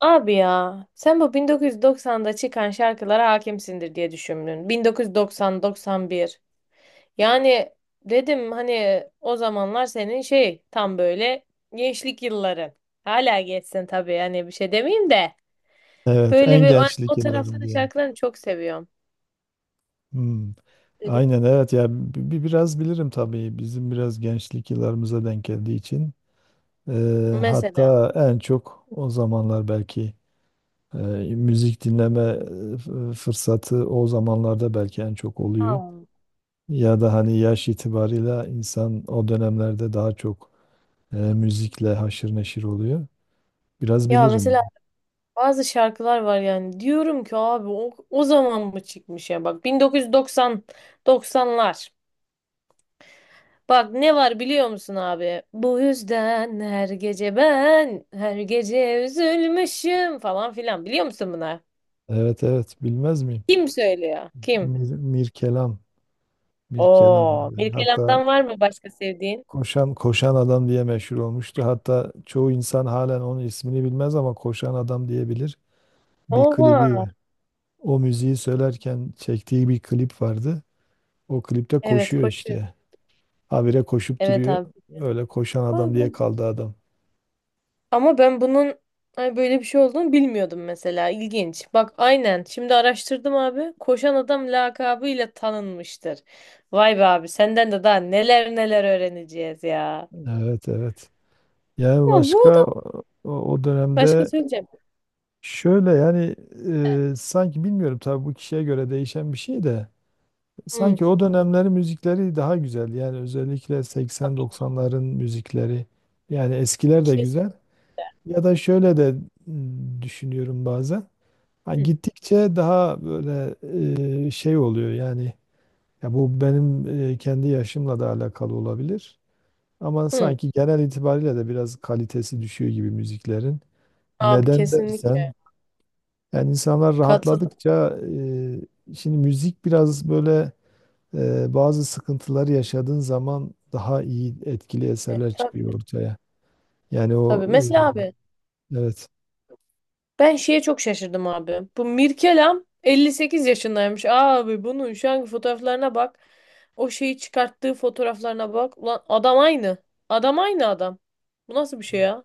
Abi ya sen bu 1990'da çıkan şarkılara hakimsindir diye düşündün. 1990-91. Yani dedim hani o zamanlar senin şey tam böyle gençlik yılların. Hala geçsin tabii yani bir şey demeyeyim de. Evet, en Böyle bir o, gençlik o tarafta yıllarım da diyelim. şarkılarını çok seviyorum. Hmm. Dedi. Aynen, evet ya, biraz bilirim tabii bizim biraz gençlik yıllarımıza denk geldiği için. Mesela. Hatta en çok o zamanlar belki e, müzik dinleme fırsatı o zamanlarda belki en çok oluyor. Ha. Ya da hani yaş itibarıyla insan o dönemlerde daha çok müzikle haşır neşir oluyor. Biraz Ya mesela bilirim. bazı şarkılar var yani diyorum ki abi o zaman mı çıkmış ya bak 1990 90'lar. Bak ne var biliyor musun abi? Bu yüzden her gece ben her gece üzülmüşüm falan filan. Biliyor musun buna? Evet, evet, bilmez miyim? Kim söylüyor? Kim? Mir Kelam, Mir Oo, Kelam. Hatta Mirkelam'dan var mı başka sevdiğin? koşan adam diye meşhur olmuştu. Hatta çoğu insan halen onun ismini bilmez ama koşan adam diyebilir. Bir klibi, Oha. O müziği söylerken çektiği bir klip vardı. O klipte Evet, koşuyor koşuyor. işte. Habire koşup Evet, duruyor. abi. Öyle koşan Vay adam be. diye kaldı adam. Ama ben bunun ay böyle bir şey olduğunu bilmiyordum mesela. İlginç. Bak aynen. Şimdi araştırdım abi. Koşan adam lakabıyla tanınmıştır. Vay be abi senden de daha neler neler öğreneceğiz ya. Evet, evet. Yani Ama bu başka adam o Başka dönemde, söyleyeceğim. şöyle yani, sanki bilmiyorum tabii, bu kişiye göre değişen bir şey de. Hı, Sanki o dönemlerin müzikleri daha güzel. Yani özellikle tabii. 80-90'ların müzikleri. Yani eskiler de Kes. güzel. Ya da şöyle de düşünüyorum bazen. Ha, Hı, gittikçe daha böyle şey oluyor yani. Ya bu benim kendi yaşımla da alakalı olabilir. Ama hı. sanki genel itibariyle de biraz kalitesi düşüyor gibi müziklerin. Abi Neden kesinlikle dersen, yani insanlar katıl. rahatladıkça, şimdi müzik biraz böyle, bazı sıkıntıları yaşadığın zaman daha iyi, etkili eserler Tabii, çıkıyor ortaya. Yani o, tabii. Mesela abi evet, ben şeye çok şaşırdım abi. Bu Mirkelam 58 yaşındaymış. Abi bunun şu anki fotoğraflarına bak. O şeyi çıkarttığı fotoğraflarına bak. Ulan adam aynı. Adam aynı adam. Bu nasıl bir şey ya?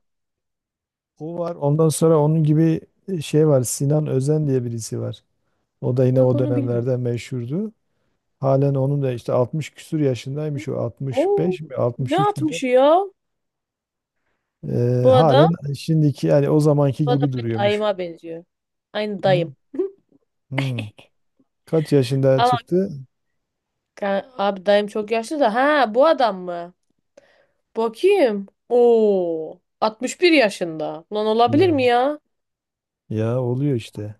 o var. Ondan sonra onun gibi şey var. Sinan Özen diye birisi var. O da yine Bak o onu bilmiyorum. dönemlerde meşhurdu. Halen onun da işte 60 küsur yaşındaymış. O Oo, 65 mi, ne 63 mü, ne? atmış ya E, bu adam? halen şimdiki yani o zamanki Bu adam gibi benim duruyormuş. dayıma benziyor. Aynı Hı, dayım. hı. Kaç yaşında Ama çıktı? Abi dayım çok yaşlı da. Ha bu adam mı? Bakayım. Oo. 61 yaşında. Lan olabilir Ya, mi ya? ya oluyor işte.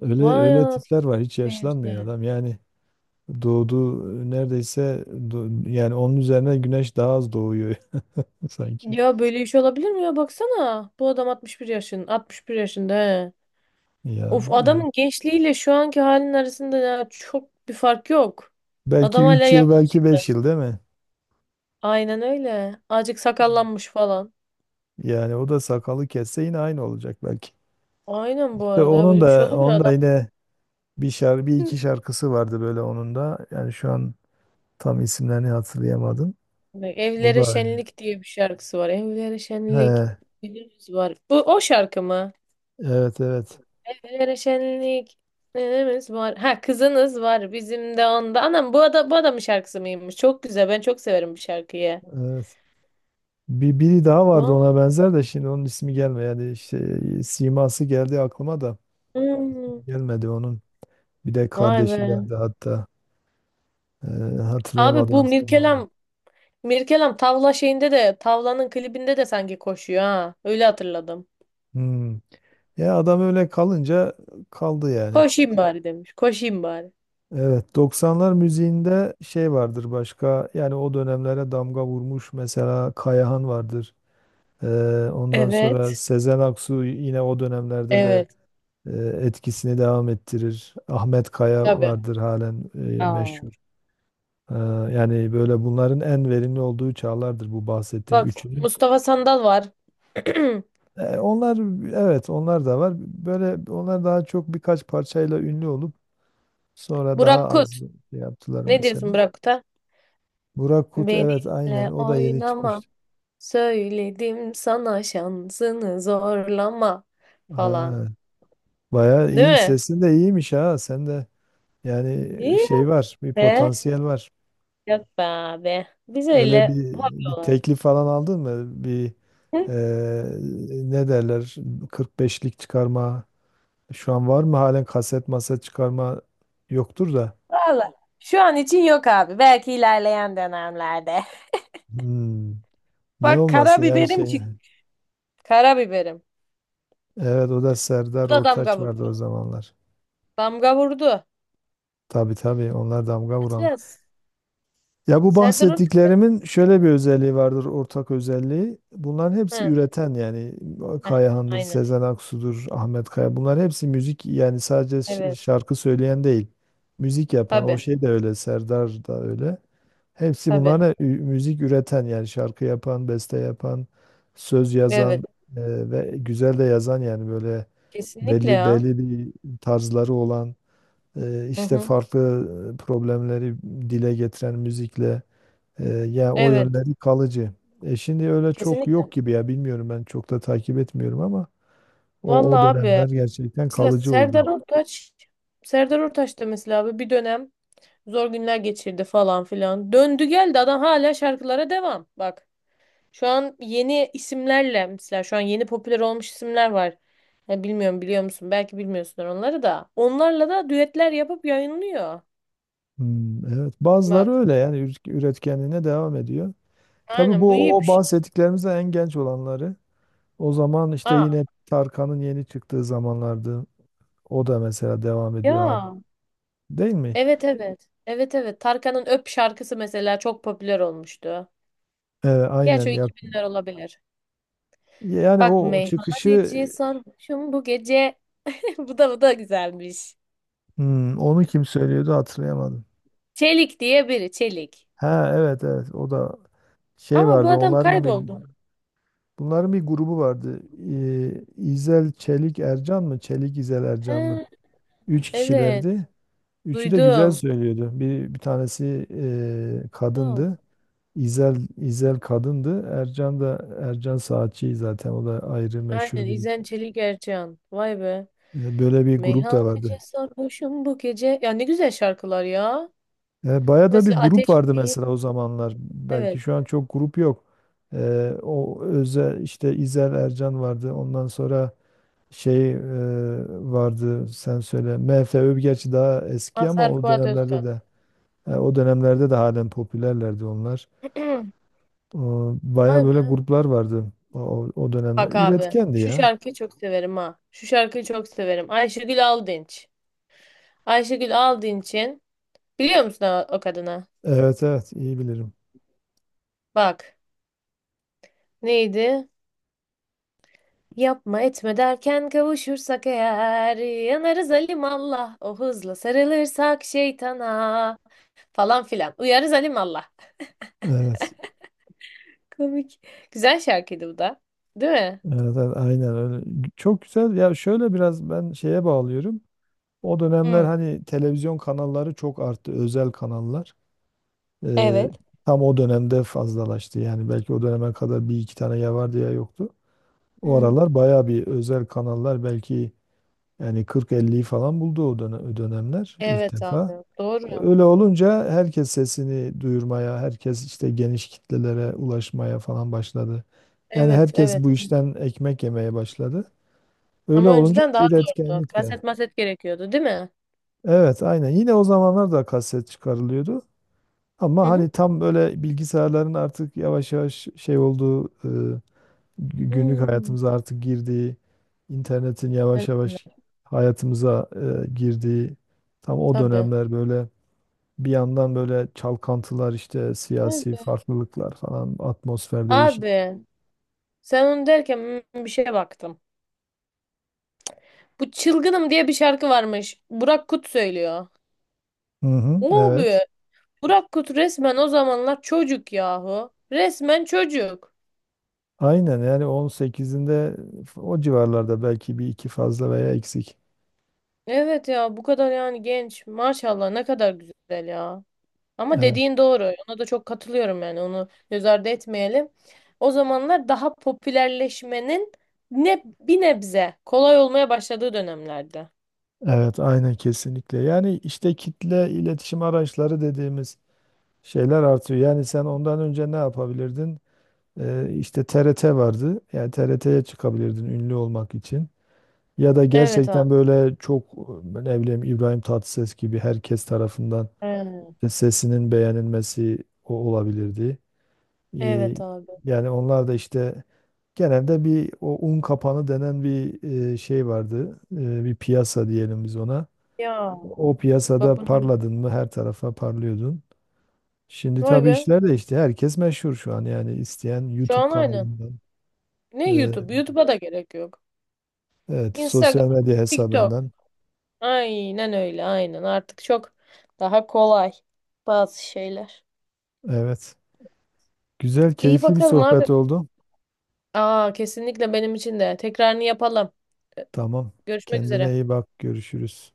Öyle Vay öyle anasını tipler var. Hiç yaşlanmıyor seyirciler. adam. Yani doğduğu neredeyse yani onun üzerine güneş daha az doğuyor sanki. Ya böyle iş olabilir mi ya? Baksana. Bu adam 61 yaşın. 61 yaşında he. Ya Of öyle. adamın gençliğiyle şu anki halinin arasında ya çok bir fark yok. Belki Adam hala 3 yıl, yakışık. belki 5 yıl, değil mi? Aynen öyle. Azıcık sakallanmış falan. Yani o da sakalı kesse yine aynı olacak belki. Aynen bu İşte arada ya onun böyle bir şey da olabilir onun da adam. yine, bir iki şarkısı vardı böyle onun da. Yani şu an tam isimlerini hatırlayamadım. Bak, O Evlere da Şenlik diye bir şarkısı var. Evlere Şenlik he, günümüz var. Bu o şarkı mı? evet, evet. Evlere Şenlik günümüz var. Ha kızınız var bizim de onda. Anam bu adam bu adamın şarkısı mıymış? Çok güzel. Ben çok severim bu şarkıyı. Evet. Biri daha vardı Aman. ona benzer de, şimdi onun ismi gelmiyor. Yani işte, siması geldi aklıma da Hmm. gelmedi onun. Bir de Vay kardeşi be. vardı hatta. Ee, Abi Hatırlayamadım bu ismini. Mirkelam tavla şeyinde de tavlanın klibinde de sanki koşuyor ha. Öyle hatırladım. Hmm. Ya adam öyle kalınca kaldı yani. Koşayım bari demiş. Koşayım bari. Evet, 90'lar müziğinde şey vardır başka, yani o dönemlere damga vurmuş mesela, Kayahan vardır. Ee, Ondan sonra Evet. Sezen Aksu yine o dönemlerde de Evet. e, etkisini devam ettirir. Ahmet Kaya Tabii. vardır halen Aa. meşhur. Ee, Yani böyle, bunların en verimli olduğu çağlardır bu bahsettiğim Bak üçünün. Mustafa Sandal var. Onlar, evet, onlar da var. Böyle onlar daha çok birkaç parçayla ünlü olup sonra Burak daha Kut. az şey yaptılar Ne mesela. diyorsun Burak Kut'a? Burak Kut, evet, aynen Benimle o da yeni oynama. çıkmıştı. Söyledim sana şansını zorlama falan. Ha, bayağı Değil iyi, mi? sesin de iyiymiş ha, sen de yani İyi şey var, bir be. potansiyel var. Yok be abi. Biz Öyle öyle bir, hobi bir olarak. teklif falan aldın mı? Bir Hı? Ne derler, 45'lik çıkarma, şu an var mı halen, kaset masa çıkarma yoktur da. Vallahi. Şu an için yok abi. Belki ilerleyen dönemlerde. Hmm. Niye Bak olmasın yani karabiberim şey. çıktı. Karabiberim. Evet, o da Bu Serdar da damga Ortaç vardı o vurdu. zamanlar. Damga vurdu. Tabii, tabii, onlar damga vuran. Biraz. Ya bu Serdar Ortaç. bahsettiklerimin şöyle bir özelliği vardır, ortak özelliği. Bunların hepsi Hı. üreten yani, Heh, Kayahan'dır, aynen. Sezen Aksu'dur, Ahmet Kaya. Bunlar hepsi müzik, yani sadece Evet. şarkı söyleyen değil. Müzik yapan, o Tabii. şey de öyle, Serdar da öyle. Hepsi bunlar Tabii. ne? Müzik üreten, yani şarkı yapan, beste yapan, söz yazan, Evet. Ve güzel de yazan, yani böyle Kesinlikle belli ya. belli bir tarzları olan, Hı işte hı. farklı problemleri dile getiren müzikle, yani o Evet, yönleri kalıcı. E şimdi öyle çok kesinlikle. yok gibi ya, bilmiyorum, ben çok da takip etmiyorum, ama o Vallahi o abi dönemler gerçekten mesela kalıcı oldu. Serdar Ortaç da mesela abi bir dönem zor günler geçirdi falan filan. Döndü geldi adam hala şarkılara devam. Bak şu an yeni isimlerle mesela şu an yeni popüler olmuş isimler var. Ya bilmiyorum biliyor musun? Belki bilmiyorsun onları da. Onlarla da düetler yapıp yayınlıyor. Hmm, evet bazıları Bak öyle yani, üretkenliğine devam ediyor. Tabii aynen bu bu iyi bir o şey. bahsettiklerimizden en genç olanları. O zaman işte Aa, yine Tarkan'ın yeni çıktığı zamanlardı. O da mesela devam ediyor ya değil mi? evet evet. Evet evet. Tarkan'ın Öp şarkısı mesela çok popüler olmuştu. Gerçi Aynen o ya. 2000'ler olabilir. Yani Bak o çıkışı. meyhaneci sarhoşum bu gece. Bu da güzelmiş. Hmm, onu kim söylüyordu hatırlayamadım. Çelik diye biri Çelik. Ha, evet, evet, o da şey Ama bu vardı, adam onların bir, kayboldu. bunların bir grubu vardı. İzel Çelik Ercan mı, Çelik İzel Ercan mı? He, Üç evet, kişilerdi. Üçü de güzel duydum. söylüyordu. Bir tanesi Ya, kadındı. İzel kadındı. Ercan da, Ercan Saatçi zaten, o da ayrı meşhur aynen bir. İzen Çelik Ercan. Vay be. E, böyle bir grup da Meyhaneci vardı. sarhoşum bu gece. Ya ne güzel şarkılar ya. E, bayağı da bir Mesela grup Ateş vardı deyip mesela o zamanlar. Belki evet. şu an çok grup yok. E, o özel işte, İzel Ercan vardı. Ondan sonra şey vardı, sen söyle. MFÖ gerçi daha eski ama Mazhar Fuat Özkan. O dönemlerde de halen popülerlerdi onlar. E, Vay bayağı böyle be. gruplar vardı o dönemler. Bak abi. Üretkendi Şu ya. şarkıyı çok severim ha. Şu şarkıyı çok severim. Ayşegül Aldınç. Ayşegül aldığın için biliyor musun o kadını? Evet, evet, iyi bilirim. Bak neydi? Yapma etme derken kavuşursak eğer yanarız alim Allah o hızla sarılırsak şeytana falan filan uyarız alim Allah. Evet. Komik. Güzel şarkıydı bu da. Değil mi? Evet, evet, aynen öyle. Çok güzel. Ya şöyle biraz ben şeye bağlıyorum. O dönemler Hı, hani televizyon kanalları çok arttı. Özel kanallar. Ee, evet. Tam o dönemde fazlalaştı. Yani belki o döneme kadar bir iki tane ya vardı ya yoktu. O Hmm. aralar bayağı bir özel kanallar, belki yani 40-50'yi falan buldu o dönem, o dönemler, ilk Evet defa. abi doğru. Öyle olunca herkes sesini duyurmaya, herkes işte geniş kitlelere ulaşmaya falan başladı. Yani Evet herkes evet. bu işten ekmek yemeye başladı. Öyle Ama olunca önceden daha zordu. üretkenlik Kaset de. maset gerekiyordu değil mi? Evet, aynen. Yine o zamanlar da kaset çıkarılıyordu. Ama Hı hı. hani tam böyle bilgisayarların artık yavaş yavaş şey olduğu, günlük Hmm. hayatımıza artık girdiği, internetin Ben- yavaş yavaş hayatımıza girdiği tam o Tabii. dönemler böyle. Bir yandan böyle çalkantılar, işte siyasi Tabii. farklılıklar falan, atmosfer değişik. Abi sen onu derken bir şeye baktım. Bu Çılgınım diye bir şarkı varmış. Burak Kut söylüyor. Hı hı, O evet. be. Burak Kut resmen o zamanlar çocuk yahu. Resmen çocuk. Aynen yani 18'inde o civarlarda, belki bir iki fazla veya eksik. Evet ya bu kadar yani genç. Maşallah ne kadar güzel ya. Ama Evet, dediğin doğru. Ona da çok katılıyorum yani. Onu göz ardı etmeyelim. O zamanlar daha popülerleşmenin ne bir nebze kolay olmaya başladığı dönemlerde. evet, aynen, kesinlikle. Yani işte kitle iletişim araçları dediğimiz şeyler artıyor. Yani sen ondan önce ne yapabilirdin? İşte TRT vardı. Yani TRT'ye çıkabilirdin ünlü olmak için. Ya da Evet abi. gerçekten böyle çok ne bileyim, İbrahim Tatlıses gibi herkes tarafından Evet İşte sesinin beğenilmesi o olabilirdi. Ee, evet abi. Yani onlar da işte genelde bir o un kapanı denen bir şey vardı. Bir piyasa diyelim biz ona. Ya O bak piyasada bunu parladın mı her tarafa parlıyordun. Şimdi Vay tabii be. işler değişti. Herkes meşhur şu an, yani isteyen Şu YouTube an aynen. kanalından, Ne e, YouTube? YouTube'a da gerek yok. evet, sosyal Instagram, medya TikTok. hesabından. Aynen öyle, aynen. Artık çok daha kolay bazı şeyler. Evet. Güzel, İyi keyifli bir bakalım abi. sohbet oldu. Aa, kesinlikle benim için de. Tekrarını yapalım. Tamam. Görüşmek Kendine üzere. iyi bak. Görüşürüz.